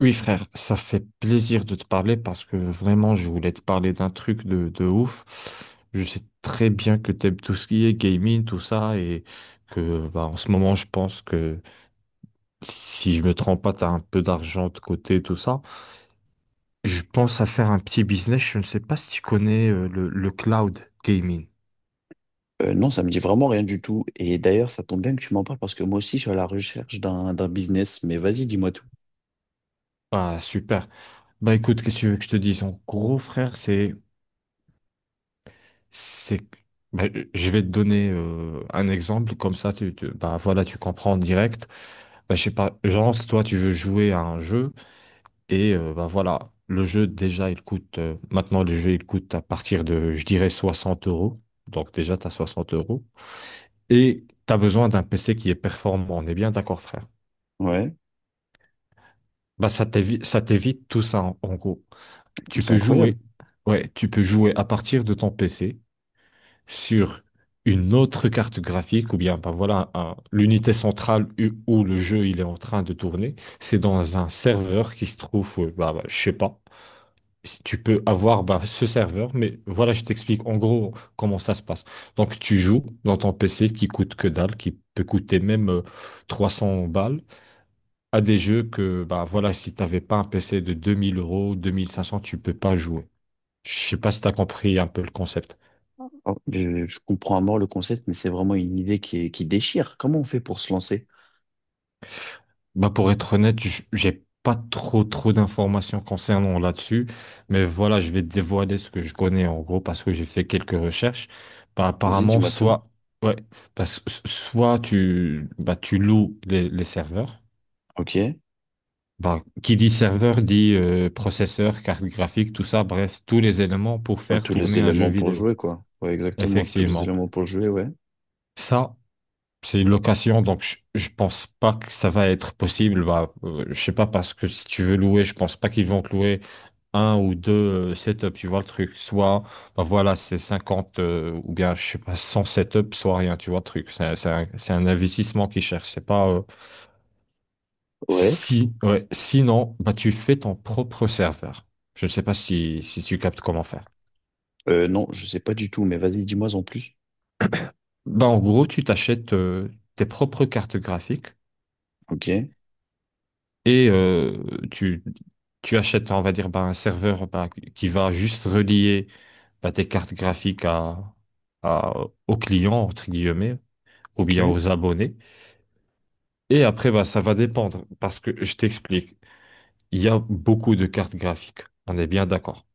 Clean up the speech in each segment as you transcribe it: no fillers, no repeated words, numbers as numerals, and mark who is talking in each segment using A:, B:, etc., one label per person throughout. A: Oui, frère, ça fait plaisir de te parler parce que vraiment, je voulais te parler d'un truc de ouf. Je sais très bien que t'aimes tout ce qui est gaming, tout ça, et que bah, en ce moment, je pense que si je me trompe pas, t'as un peu d'argent de côté, tout ça. Je pense à faire un petit business. Je ne sais pas si tu connais le cloud gaming.
B: Non, ça me dit vraiment rien du tout. Et d'ailleurs, ça tombe bien que tu m'en parles parce que moi aussi, je suis à la recherche d'un business. Mais vas-y, dis-moi tout.
A: Ah, super. Bah écoute, qu'est-ce que tu veux que je te dise? En gros, frère, C'est, ben, je vais te donner un exemple, comme ça bah, voilà, tu comprends en direct. Ben, je sais pas, genre, toi tu veux jouer à un jeu et bah, voilà, le jeu déjà il coûte, maintenant le jeu il coûte à partir de, je dirais, 60 euros. Donc déjà tu as 60 euros. Et tu as besoin d'un PC qui est performant, on est bien d'accord frère.
B: Ouais,
A: Bah, ça t'évite tout ça en gros. Tu
B: c'est
A: peux
B: incroyable.
A: jouer, ouais, tu peux jouer à partir de ton PC sur une autre carte graphique, ou bien ben voilà, l'unité centrale où le jeu il est en train de tourner, c'est dans un serveur qui se trouve, je sais pas. Si tu peux avoir bah, ce serveur, mais voilà, je t'explique en gros comment ça se passe. Donc tu joues dans ton PC qui coûte que dalle, qui peut coûter même 300 balles, à des jeux que bah voilà, si t'avais pas un PC de 2000 euros, 2500, tu peux pas jouer. Je sais pas si tu as compris un peu le concept.
B: Je comprends à mort le concept, mais c'est vraiment une idée qui déchire. Comment on fait pour se lancer?
A: Bah pour être honnête, j'ai pas trop trop d'informations concernant là-dessus, mais voilà, je vais dévoiler ce que je connais en gros parce que j'ai fait quelques recherches. Bah,
B: Vas-y,
A: apparemment,
B: dis-moi tout.
A: soit ouais, parce que soit tu bah tu loues les serveurs.
B: Ok.
A: Bah, qui dit serveur dit processeur, carte graphique, tout ça, bref, tous les éléments pour
B: Ouais,
A: faire
B: tous les
A: tourner un jeu
B: éléments pour
A: vidéo.
B: jouer, quoi. Ouais, exactement. Tous les
A: Effectivement.
B: éléments pour jouer, ouais.
A: Ça, c'est une location, donc je pense pas que ça va être possible. Bah, je sais pas parce que si tu veux louer, je pense pas qu'ils vont te louer un ou deux setups. Tu vois le truc, soit bah voilà, c'est 50 ou bien je sais pas 100 setups, soit rien. Tu vois le truc. C'est un, c'est un investissement qu'ils cherchent. C'est pas
B: Ouais.
A: si ouais. Sinon, bah tu fais ton propre serveur. Je ne sais pas si tu captes comment faire.
B: Non, je sais pas du tout, mais vas-y, dis-moi en plus.
A: Bah en gros, tu t'achètes tes propres cartes graphiques.
B: Ok.
A: et euh, tu, tu achètes, on va dire, bah, un serveur bah, qui va juste relier bah, tes cartes graphiques aux clients, entre guillemets, ou
B: Ok.
A: bien aux abonnés. Et après, bah, ça va dépendre, parce que je t'explique, il y a beaucoup de cartes graphiques, on est bien d'accord.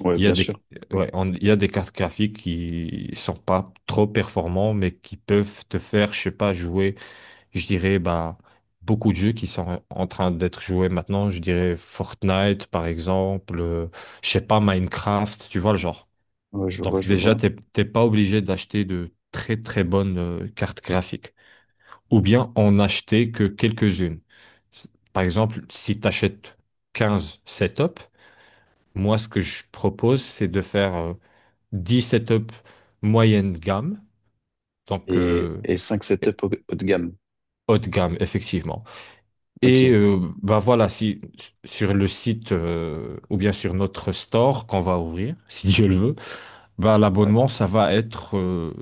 B: Ouais,
A: Il y a
B: bien
A: des,
B: sûr.
A: ouais, il y a des cartes graphiques qui sont pas trop performantes, mais qui peuvent te faire, je sais pas, jouer. Je dirais ben, beaucoup de jeux qui sont en train d'être joués maintenant. Je dirais Fortnite, par exemple, je sais pas, Minecraft, tu vois le genre.
B: Ouais, je vois,
A: Donc
B: je
A: déjà,
B: vois.
A: t'es pas obligé d'acheter de très très bonnes cartes graphiques. Ou bien en acheter que quelques-unes. Par exemple, si tu achètes 15 setups, moi, ce que je propose, c'est de faire 10 setups moyenne gamme, donc
B: Et 5 setups haut haut de gamme.
A: haute gamme, effectivement. Et
B: Ok.
A: bah voilà, si sur le site ou bien sur notre store qu'on va ouvrir, si Dieu le veut, bah
B: Euh,
A: l'abonnement,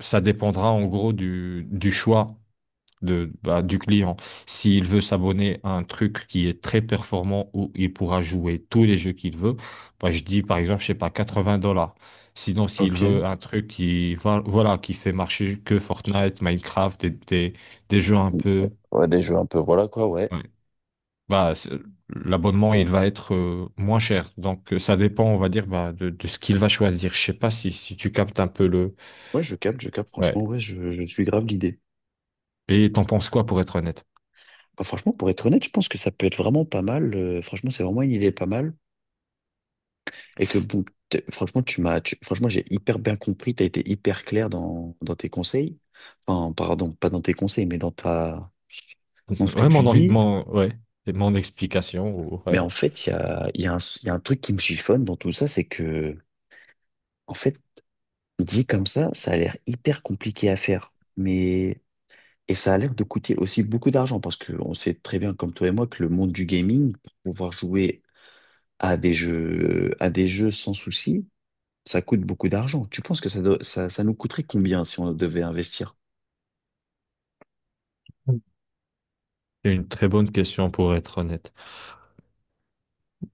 A: ça dépendra en gros du choix de, bah, du client. S'il veut s'abonner à un truc qui est très performant où il pourra jouer tous les jeux qu'il veut, bah je dis par exemple, je sais pas, 80 dollars. Sinon, s'il veut
B: Ok.
A: un truc qui, voilà, qui fait marcher que Fortnite, Minecraft, des jeux un peu.
B: Ouais, des jeux un peu, voilà quoi, ouais.
A: euh, bah, c'est- l'abonnement, il va être moins cher. Donc, ça dépend, on va dire, bah, de ce qu'il va choisir. Je sais pas si tu captes un peu le...
B: Ouais, je capte,
A: Ouais.
B: franchement, ouais, je suis grave l'idée.
A: Et t'en penses quoi, pour être honnête?
B: Bah, franchement, pour être honnête, je pense que ça peut être vraiment pas mal. Franchement, c'est vraiment une idée pas mal. Et que, bon, t'es- franchement, tu m'as, tu- franchement, j'ai hyper bien compris, t'as été hyper clair dans, dans tes conseils. Enfin, pardon, pas dans tes conseils, mais dans ta, dans ce que
A: Ouais,
B: tu dis.
A: mon, ouais, c'est mon explication,
B: Mais
A: ouais.
B: en fait, il y a un, il y a un truc qui me chiffonne dans tout ça, c'est que, en fait, dit comme ça a l'air hyper compliqué à faire. Mais. Et ça a l'air de coûter aussi beaucoup d'argent parce qu'on sait très bien, comme toi et moi, que le monde du gaming, pour pouvoir jouer à des jeux sans souci, ça coûte beaucoup d'argent. Tu penses que ça nous coûterait combien si on devait investir?
A: C'est une très bonne question, pour être honnête.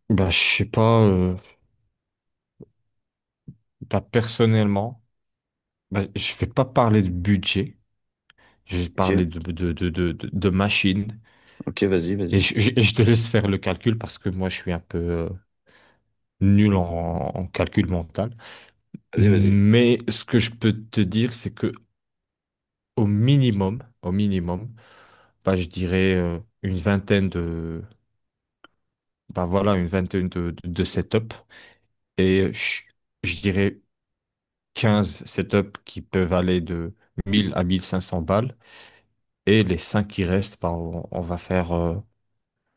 A: Bah, je sais pas, bah, personnellement, bah, je vais pas parler de budget. Je vais parler
B: Ok,
A: de machine.
B: ok, vas-y,
A: Et
B: vas-y,
A: je te laisse faire le calcul parce que moi, je suis un peu nul en calcul mental.
B: vas-y, vas-y.
A: Mais ce que je peux te dire, c'est que au minimum, bah, je dirais une vingtaine de, bah voilà, une vingtaine de setups et je dirais 15 setups qui peuvent aller de 1000 à 1500 balles et les 5 qui restent, bah, on va faire,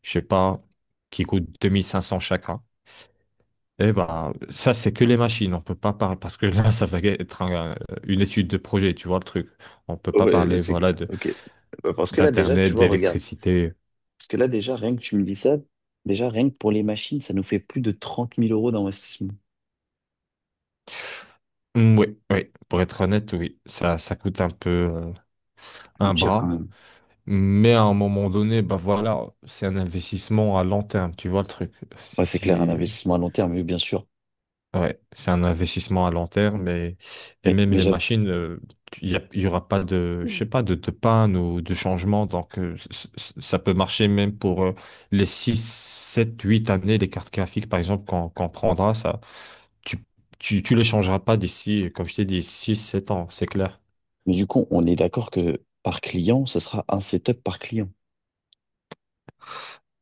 A: je sais pas, qui coûtent 2500 chacun. Et bah ça, c'est que les machines, on peut pas parler parce que là, ça va être une étude de projet, tu vois le truc. On peut pas parler, voilà,
B: Ok. Bah, parce que là, déjà, tu
A: d'Internet,
B: vois, regarde.
A: d'électricité.
B: Parce que là, déjà, rien que tu me dis ça, déjà, rien que pour les machines, ça nous fait plus de 30 000 euros d'investissement.
A: Mm, oui, oui, pour être honnête, oui, ça coûte un peu
B: Ça
A: un
B: coûte cher quand
A: bras.
B: même.
A: Mais à un moment donné, bah voilà, c'est un investissement à long terme, tu vois le truc. Si,
B: Ouais, c'est clair, un
A: si,
B: investissement à long terme, oui, bien sûr.
A: ouais, c'est un investissement à long terme et
B: Mais,
A: même
B: mais
A: les
B: j'av-
A: machines, il y aura pas de, je sais pas, de panne ou de changement. Donc, ça peut marcher même pour les 6, 7, 8 années, les cartes graphiques, par exemple, qu'on prendra, ça. Tu, tu les changeras pas d'ici, comme je t'ai dit, six sept ans, c'est clair.
B: Mais du coup, on est d'accord que par client, ce sera un setup par client.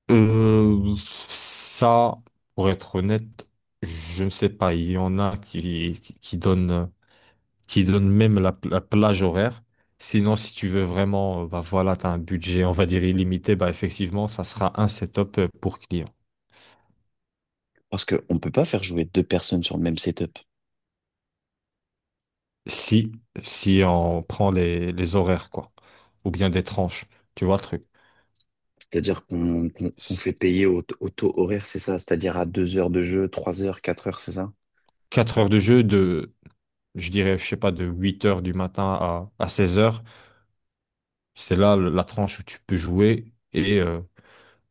A: Euh, Ça, pour être honnête, je ne sais pas. Il y en a qui donnent même la plage horaire. Sinon, si tu veux vraiment, bah voilà, tu as un budget, on va dire illimité, bah effectivement, ça sera un setup pour client.
B: Parce qu'on ne peut pas faire jouer deux personnes sur le même setup.
A: Si, si on prend les horaires, quoi. Ou bien des tranches. Tu vois le truc.
B: C'est-à-dire qu'on fait payer au, au taux horaire, c'est ça? C'est-à-dire à deux heures de jeu, trois heures, quatre heures, c'est ça?
A: 4 heures de jeu de je dirais, je sais pas, de 8 heures du matin à 16 heures. C'est là la tranche où tu peux jouer et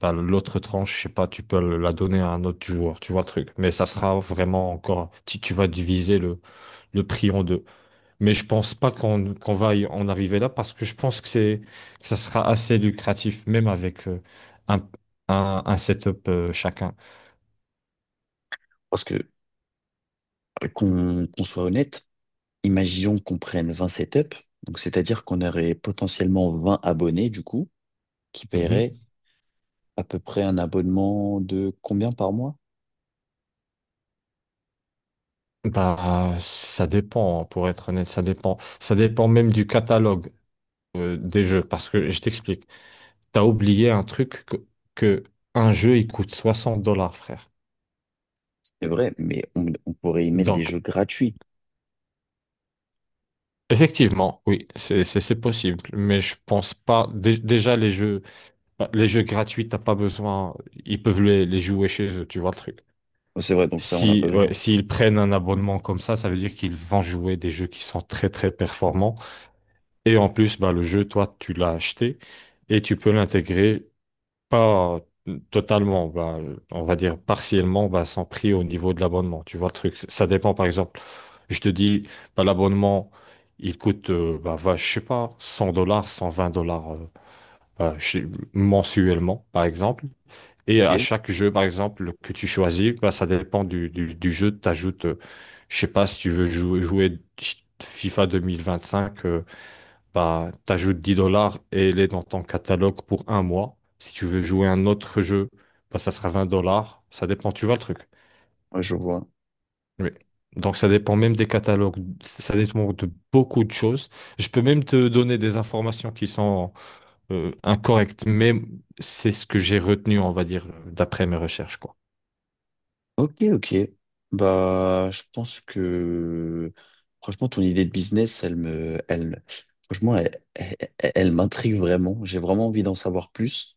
A: bah, l'autre tranche, je sais pas, tu peux la donner à un autre joueur, tu vois le truc. Mais ça sera vraiment encore, tu vas diviser le prix en deux. Mais je pense pas qu'on va y en arriver là parce que je pense que que ça sera assez lucratif, même avec un, un setup chacun.
B: Parce que, qu'on soit honnête, imaginons qu'on prenne 20 setups. Donc, c'est-à-dire qu'on aurait potentiellement 20 abonnés, du coup, qui
A: Mhm.
B: paieraient à peu près un abonnement de combien par mois?
A: Bah, ça dépend, pour être honnête, ça dépend. Ça dépend même du catalogue, des jeux. Parce que je t'explique, t'as oublié un truc que un jeu, il coûte 60 dollars, frère.
B: C'est vrai, mais on pourrait y mettre des
A: Donc,
B: jeux gratuits.
A: effectivement, oui, c'est possible. Mais je pense pas. Déjà, les jeux, bah, les jeux gratuits, t'as pas besoin. Ils peuvent les jouer chez eux, tu vois le truc.
B: C'est vrai, donc ça, on n'a pas
A: Si, ouais,
B: besoin.
A: s'ils prennent un abonnement comme ça veut dire qu'ils vont jouer des jeux qui sont très très performants. Et en plus, bah, le jeu, toi, tu l'as acheté et tu peux l'intégrer pas totalement, bah, on va dire partiellement, bah, sans prix au niveau de l'abonnement. Tu vois le truc, ça dépend par exemple. Je te dis, bah, l'abonnement, il coûte, bah, va, je sais pas, 100 dollars, 120 dollars mensuellement, par exemple. Et
B: Ok,
A: à chaque jeu, par exemple, que tu choisis, bah, ça dépend du jeu. Tu ajoutes, je sais pas, si tu veux jouer FIFA 2025, bah, t'ajoutes 10 dollars et elle est dans ton catalogue pour un mois. Si tu veux jouer un autre jeu, bah, ça sera 20 dollars. Ça dépend, tu vois le truc.
B: ouais, je vois.
A: Oui. Donc, ça dépend même des catalogues. Ça dépend de beaucoup de choses. Je peux même te donner des informations qui sont incorrectes, mais c'est ce que j'ai retenu, on va dire, d'après mes recherches, quoi.
B: Ok, ok. Bah, je pense que franchement, ton idée de business, elle me, elle, franchement, elle, elle, elle m'intrigue vraiment. J'ai vraiment envie d'en savoir plus.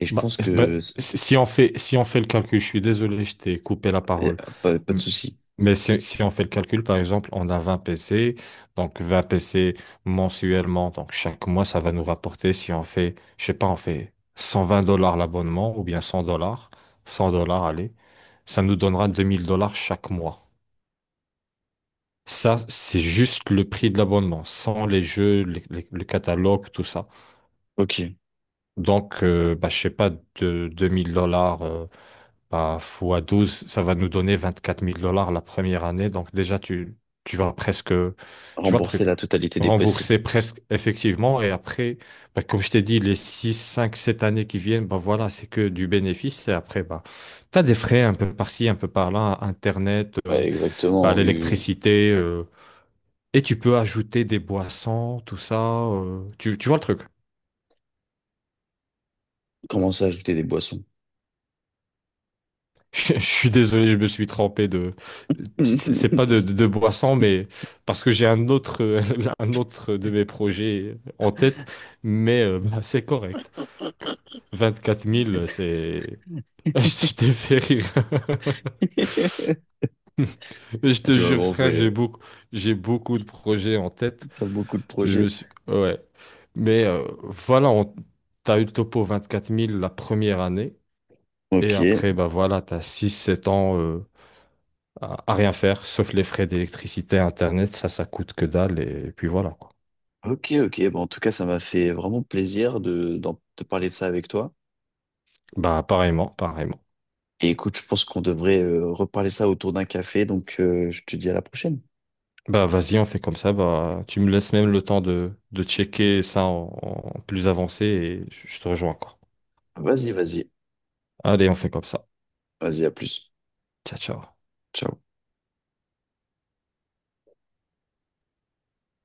B: Et je
A: Bah,
B: pense
A: bah
B: que
A: si on fait le calcul, je suis désolé, je t'ai coupé la
B: eh,
A: parole.
B: pas, pas de
A: M-
B: souci.
A: Mais si on fait le calcul, par exemple, on a 20 PC, donc 20 PC mensuellement, donc chaque mois, ça va nous rapporter, si on fait, je sais pas, on fait 120 dollars l'abonnement ou bien 100 dollars, 100 dollars, allez, ça nous donnera 2000 dollars chaque mois. Ça, c'est juste le prix de l'abonnement, sans les jeux, le catalogue, tout ça.
B: Ok.
A: Donc, bah, je sais pas, de 2000 dollars. Bah, fois 12, ça va nous donner 24000 dollars la première année. Donc déjà, tu vas presque, tu vois le
B: Rembourser
A: truc,
B: la totalité des PC.
A: rembourser presque effectivement. Et après, bah, comme je t'ai dit, les 6, 5, 7 années qui viennent, bah, voilà, c'est que du bénéfice. Et après, bah, tu as des frais un peu par-ci, un peu par-là, Internet,
B: Ouais,
A: bah,
B: exactement. Oui, oui, oui.
A: l'électricité. Et tu peux ajouter des boissons, tout ça. Tu vois le truc.
B: Commencer à ajouter des boissons.
A: Je suis désolé, je me suis trompé de. C'est pas de boisson, mais parce que j'ai un autre, un autre de mes projets en tête, mais bah, c'est correct. Vingt-quatre mille, c'est. Je t'ai fait rire. Mais je te
B: Tu m'as
A: jure,
B: vraiment fait
A: frère,
B: rire.
A: j'ai beaucoup de projets en tête.
B: T'as beaucoup de
A: Je me
B: projets.
A: suis. Ouais. Mais voilà, on... t'as eu le topo 24000 la première année. Et
B: Ok,
A: après, bah voilà, t'as six, sept ans. À rien faire, sauf les frais d'électricité, internet, ça coûte que dalle, et puis voilà, quoi.
B: ok, ok. Bon, en tout cas, ça m'a fait vraiment plaisir de, de parler de ça avec toi.
A: Bah, pareillement, pareillement.
B: Et écoute, je pense qu'on devrait reparler ça autour d'un café, donc je te dis à la prochaine.
A: Bah, vas-y, on fait comme ça, bah, tu me laisses même le temps de checker ça en plus avancé, et je te rejoins, quoi.
B: Vas-y, vas-y,
A: Allez, on fait comme ça.
B: vas-y, à plus.
A: Ciao, ciao.
B: Ciao.